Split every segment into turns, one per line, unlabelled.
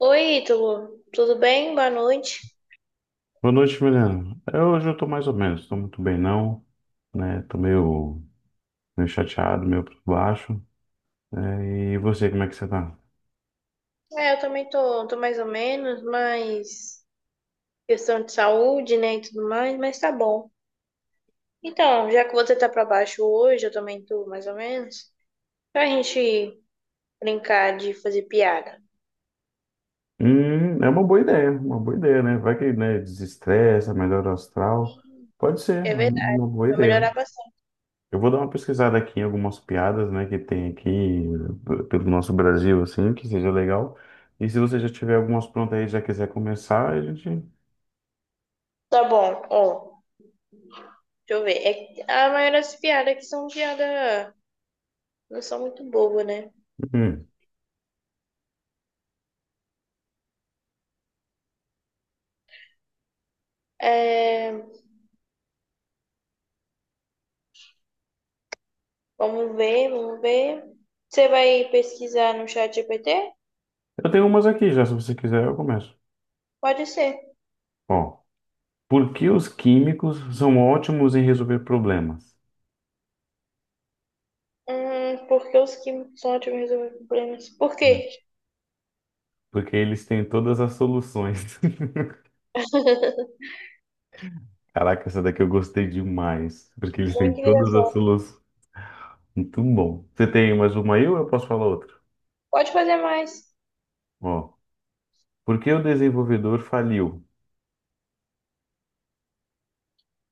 Oi, Ítalo, tudo bem? Boa noite.
Boa noite, Milena. Hoje eu tô mais ou menos, tô muito bem não, né? Tô meio chateado, meio pra baixo. Né? E você, como é que você tá?
Eu também tô, mais ou menos, mas questão de saúde, né, e tudo mais, mas tá bom. Então, já que você tá pra baixo hoje, eu também tô mais ou menos, pra gente brincar de fazer piada.
É uma boa ideia, né? Vai que, né, desestressa, melhora o astral. Pode ser, é
É verdade,
uma boa
vai
ideia.
melhorar bastante.
Eu vou dar uma pesquisada aqui em algumas piadas, né, que tem aqui pelo nosso Brasil, assim, que seja legal. E se você já tiver algumas prontas aí, já quiser começar, a gente...
Tá bom, ó, deixa eu ver. É que a maioria das piadas aqui são piadas, não são muito boas, né?
Hum.
É, vamos ver, vamos ver. Você vai pesquisar no chat GPT?
Eu tenho umas aqui já, se você quiser, eu começo.
Pode ser.
Bom. Por que os químicos são ótimos em resolver problemas?
Porque os que são ótimos em resolver problemas. Por
Hum.
quê?
Porque eles têm todas as soluções. Caraca, essa daqui eu gostei demais. Porque eles têm
Muito
todas as
engraçado.
soluções. Muito bom. Você tem mais uma aí ou eu posso falar outra?
Pode fazer mais.
Ó, por que o desenvolvedor faliu?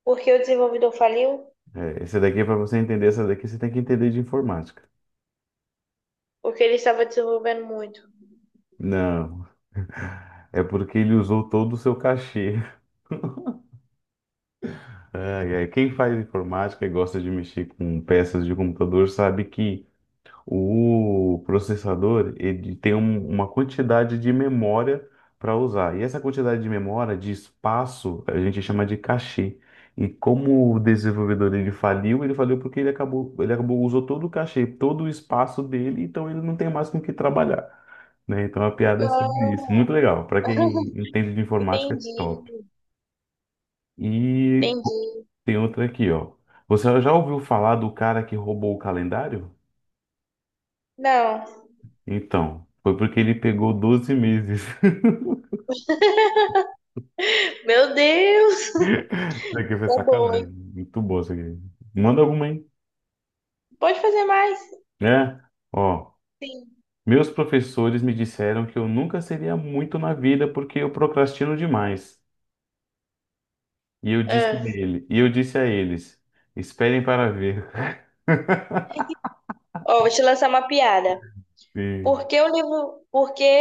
Porque o desenvolvedor faliu?
É, essa daqui, para você entender essa daqui, você tem que entender de informática.
Porque ele estava desenvolvendo muito.
Não, é porque ele usou todo o seu cachê. Ai, ai, quem faz informática e gosta de mexer com peças de computador sabe que o processador, ele tem uma quantidade de memória para usar. E essa quantidade de memória, de espaço, a gente chama de cachê. E como o desenvolvedor ele faliu porque ele acabou, usou todo o cachê, todo o espaço dele, então ele não tem mais com o que trabalhar, né? Então a piada é sobre isso.
Ah,
Muito legal. Para quem entende de informática, é top.
entendi.
E
Entendi.
tem outra aqui, ó. Você já ouviu falar do cara que roubou o calendário?
Não.
Então, foi porque ele pegou 12 meses.
Meu Deus!
Isso aqui foi
Tá bom,
sacanagem.
hein?
Muito bom isso aqui. Manda alguma, hein?
Pode fazer mais?
É. Ó,
Sim.
meus professores me disseram que eu nunca seria muito na vida porque eu procrastino demais. E
Ah,
eu disse a eles, esperem para ver.
ó, vou te lançar uma piada.
E
Por que o livro. Por que.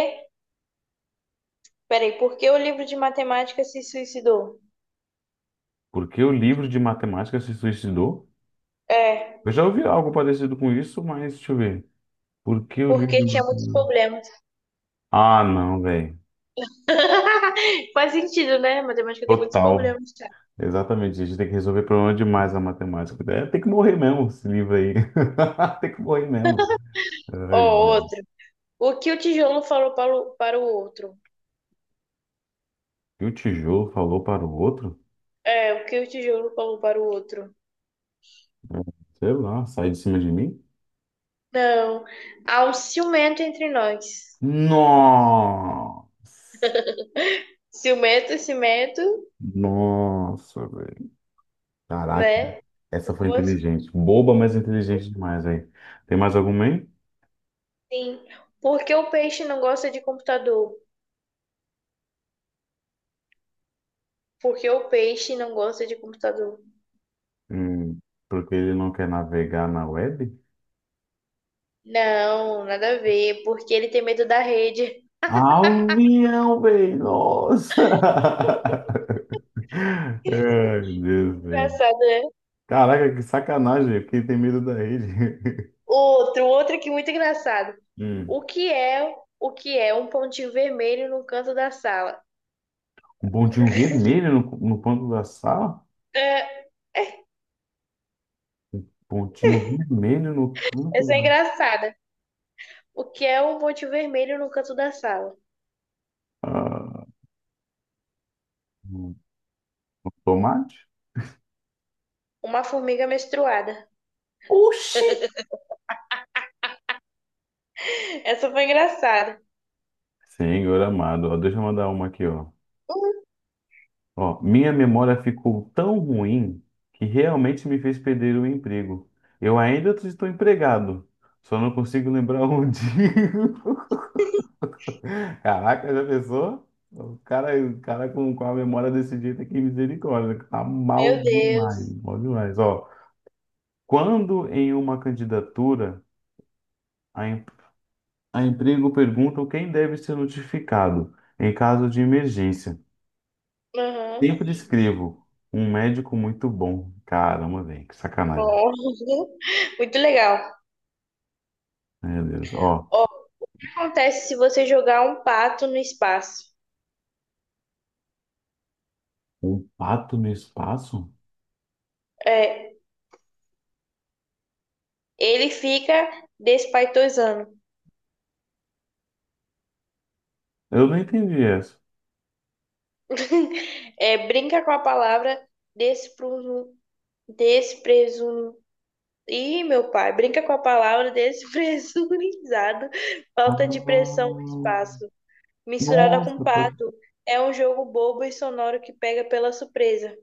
Peraí, por que o livro de matemática se suicidou?
por que o livro de matemática se suicidou?
É,
Eu já ouvi algo parecido com isso, mas deixa eu ver. Por que o livro de
porque tinha muitos
matemática?
problemas.
Ah, não, velho.
Faz sentido, né? Matemática tem muitos
Total.
problemas, cara.
Exatamente, a gente tem que resolver problema demais na matemática. É, tem que morrer mesmo, esse livro aí. Tem que morrer mesmo.
Ó,
Ai, meu...
outro. O que o tijolo falou para o outro?
E o tijolo falou para o outro?
É, o que o tijolo falou para o outro?
Sei lá, sai de cima de mim?
Não. Há um ciumento entre nós.
Nossa!
Ciumento, cimento,
Nossa, velho. Caraca,
né?
essa foi
O outro.
inteligente. Boba, mas inteligente demais aí. Tem mais algum aí?
Sim. Por que o peixe não gosta de computador? Por que o peixe não gosta de computador?
Hum, porque ele não quer navegar na web?
Não, nada a ver. Porque ele tem medo da rede.
Ah, o avião, velho! Nossa! Ai, Deus, velho.
Engraçado, né?
Caraca, que sacanagem. Velho. Quem tem medo da rede?
Outro aqui muito engraçado.
Hum.
O que é um pontinho vermelho no canto da sala?
Um pontinho vermelho no canto da sala?
É,
Pontinho vermelho no canto
essa é
da...
engraçada. O que é um pontinho vermelho no canto da sala?
Ah, um tomate?
Uma formiga menstruada.
Oxi!
Essa foi engraçada.
Senhor amado, ó, deixa eu mandar uma aqui, ó.
Hum.
Ó, minha memória ficou tão ruim que realmente me fez perder o emprego. Eu ainda estou empregado, só não consigo lembrar onde. Caraca, essa pessoa, o cara, com, a memória desse jeito aqui, misericórdia, tá mal
Meu
demais,
Deus.
mal demais. Ó, quando em uma candidatura a, em- a emprego perguntam quem deve ser notificado em caso de emergência,
Aham.
sempre escrevo um médico muito bom. Caramba, velho, que sacanagem.
Bom. Muito legal. O
Meu Deus, ó,
que acontece se você jogar um pato no espaço?
um pato no espaço?
É, ele fica despaitosando.
Eu não entendi essa.
É, brinca com a palavra despru- Despresun... ih, meu pai, brinca com a palavra despresurizado.
Ah,
Falta de pressão no espaço. Misturada com
nossa,
pato. É um jogo bobo e sonoro que pega pela surpresa.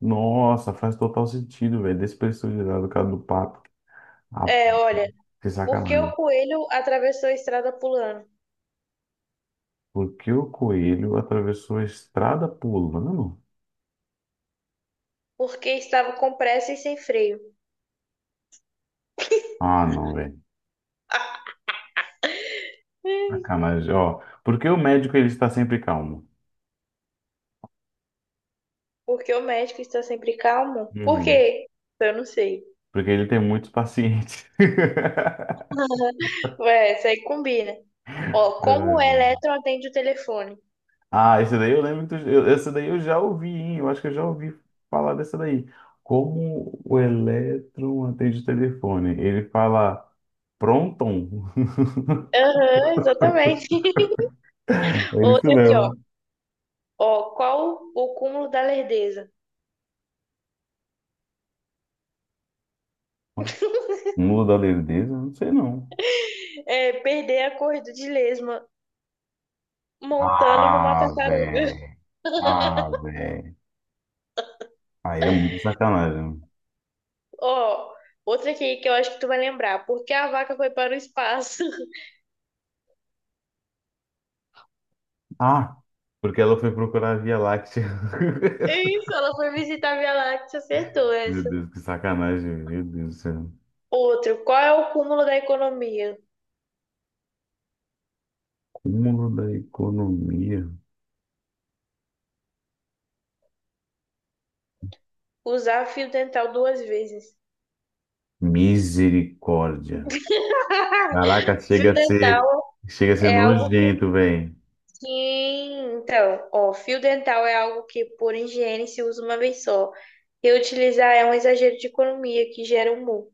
nossa, faz total sentido, velho. Despressurizado o cara do pato. Ah,
É, olha,
que
porque
sacanagem.
o coelho atravessou a estrada pulando?
Porque o coelho atravessou a estrada pulando?
Porque estava com pressa e sem freio.
Ah, não, velho.
Hum.
Sacanagem. Ó, porque o médico ele está sempre calmo?
Porque o médico está sempre calmo? Por
Uhum.
quê? Eu não sei.
Porque ele tem muitos pacientes.
Ué, isso aí combina. Ó, como o
É.
elétron atende o telefone?
Ah, esse daí eu lembro esse daí eu já ouvi, hein? Eu acho que eu já ouvi falar dessa daí. Como o elétron atende o telefone. Ele fala pronton.
Aham, exatamente.
É isso
Outra aqui, ó.
mesmo.
Ó, qual o cúmulo da lerdeza?
Mula da Lerdeza? Não sei não.
É perder a corrida de lesma montando numa
Ah,
tartaruga.
velho. Ah, velho. Aí é muito sacanagem.
Ó, outra aqui que eu acho que tu vai lembrar. Por que a vaca foi para o espaço?
Ah, porque ela foi procurar a Via Láctea.
Isso, ela foi visitar a Via Láctea, acertou
Meu
essa.
Deus, que sacanagem. Meu Deus do céu.
Outro, qual é o cúmulo da economia?
Cúmulo da economia.
Usar fio dental duas vezes.
Misericórdia. Caraca,
Fio dental
chega a ser
é algo
nojento, velho.
que. Então, ó, fio dental é algo que, por higiene, se usa uma vez só. Reutilizar é um exagero de economia que gera um mu.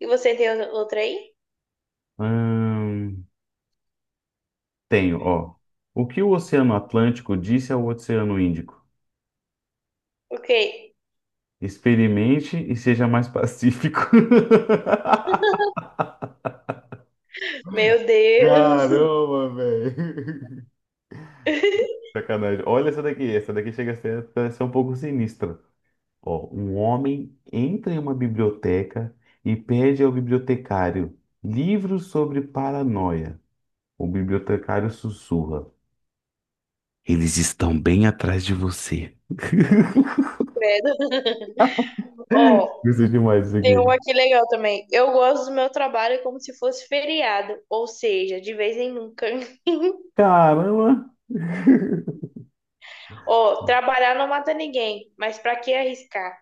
E você tem outra aí?
Hum, tenho, ó. O que o Oceano Atlântico disse ao Oceano Índico?
Ok.
Experimente e seja mais pacífico.
Meu Deus,
Caramba, velho. Sacanagem. Olha essa daqui. Essa daqui chega a ser um pouco sinistra. Ó, um homem entra em uma biblioteca e pede ao bibliotecário livros sobre paranoia. O bibliotecário sussurra. Eles estão bem atrás de você.
credo. Ó,
Gostei demais disso
tem
aqui.
uma aqui legal também. Eu gosto do meu trabalho como se fosse feriado, ou seja, de vez em nunca.
Caramba!
Ó, trabalhar não mata ninguém, mas pra que arriscar?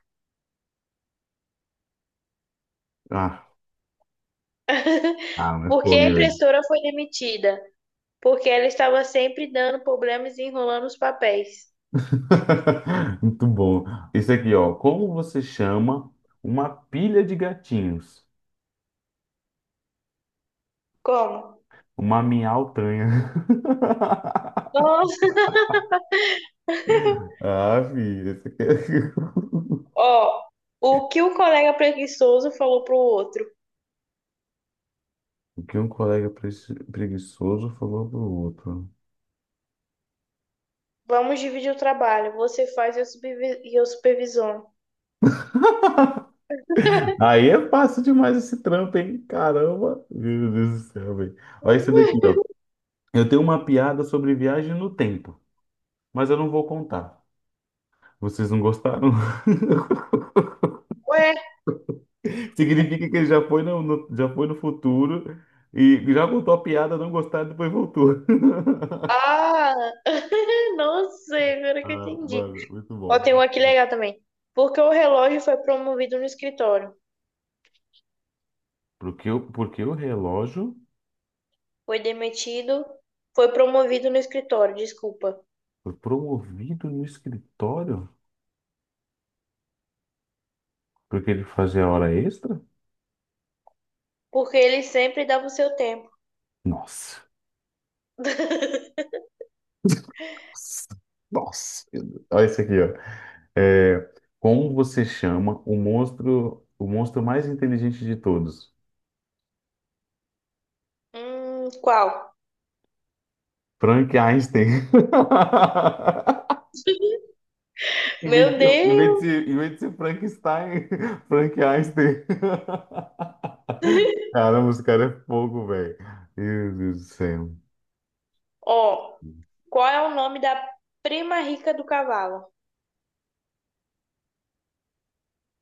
Ah, ah, mas
Porque
pô,
a
né, velho?
impressora foi demitida? Porque ela estava sempre dando problemas e enrolando os papéis.
Muito bom. Isso aqui, ó. Como você chama uma pilha de gatinhos?
Como?
Uma miautanha.
Nossa.
Ah, filho, esse aqui é...
Ó, o que o colega preguiçoso falou pro outro?
O que um colega preguiçoso falou pro outro.
Vamos dividir o trabalho, você faz e eu supervisiono.
Aí é fácil demais esse trampo, hein? Caramba! Meu Deus do céu, velho. Olha esse daqui, ó. Eu tenho uma piada sobre viagem no tempo, mas eu não vou contar. Vocês não gostaram?
Ué,
Significa que ele já foi já foi no futuro e já contou a piada, não gostaram, depois voltou.
ah, nossa, agora que eu
Ah,
entendi.
mano, muito
Ó,
bom.
tem um aqui legal também. Porque o relógio foi promovido no escritório.
Porque o relógio
Foi demitido, foi promovido no escritório, desculpa.
foi promovido no escritório? Porque ele fazia hora extra?
Porque ele sempre dava o seu tempo.
Nossa. Nossa. Nossa, meu Deus. Olha isso aqui, ó. É, como você chama o monstro mais inteligente de todos?
Qual?
Frank Einstein.
Meu
Em vez de,
Deus!
ser- em vez de ser Frankenstein, Frank Einstein. Caramba, esse cara é fogo, velho. Meu Deus do céu.
Ó, qual é o nome da prima rica do cavalo?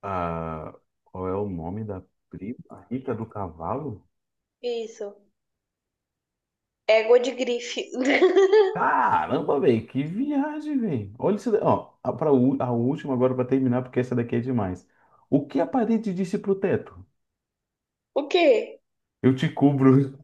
Ah, qual é o nome da prima rica do cavalo?
Isso, égua de grife.
Caramba, velho, que viagem, velho. Olha isso, ó, a última agora para terminar, porque essa daqui é demais. O que a parede disse pro teto?
O quê?
Eu te cubro.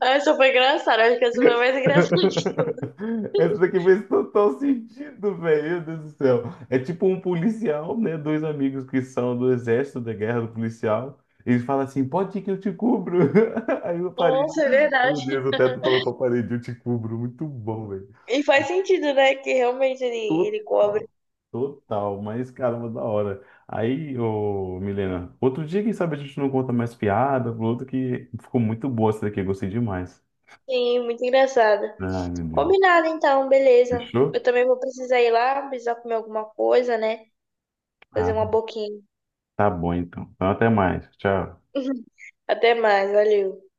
Ah, essa foi engraçada, acho que essa foi mais engraçada.
Essa daqui fez total sentido, velho. Meu Deus do céu. É tipo um policial, né? Dois amigos que são do exército da guerra do policial. Eles falam assim: pode ir que eu te cubro. Aí o parede,
Nossa, é
meu
verdade.
Deus, o teto falou pra parede: eu te cubro. Muito bom, velho.
E faz sentido, né? Que realmente ele cobre.
Total, total. Mas caramba, da hora. Aí, ô Milena, outro dia, quem sabe a gente não conta mais piada, outro que ficou muito boa essa daqui. Eu gostei demais.
Sim, muito engraçado.
Ai, meu Deus.
Combinado, então, beleza. Eu
Fechou?
também vou precisar ir lá, precisar comer alguma coisa, né? Fazer
Ah,
uma boquinha.
tá bom, então. Então, até mais. Tchau.
Até mais, valeu.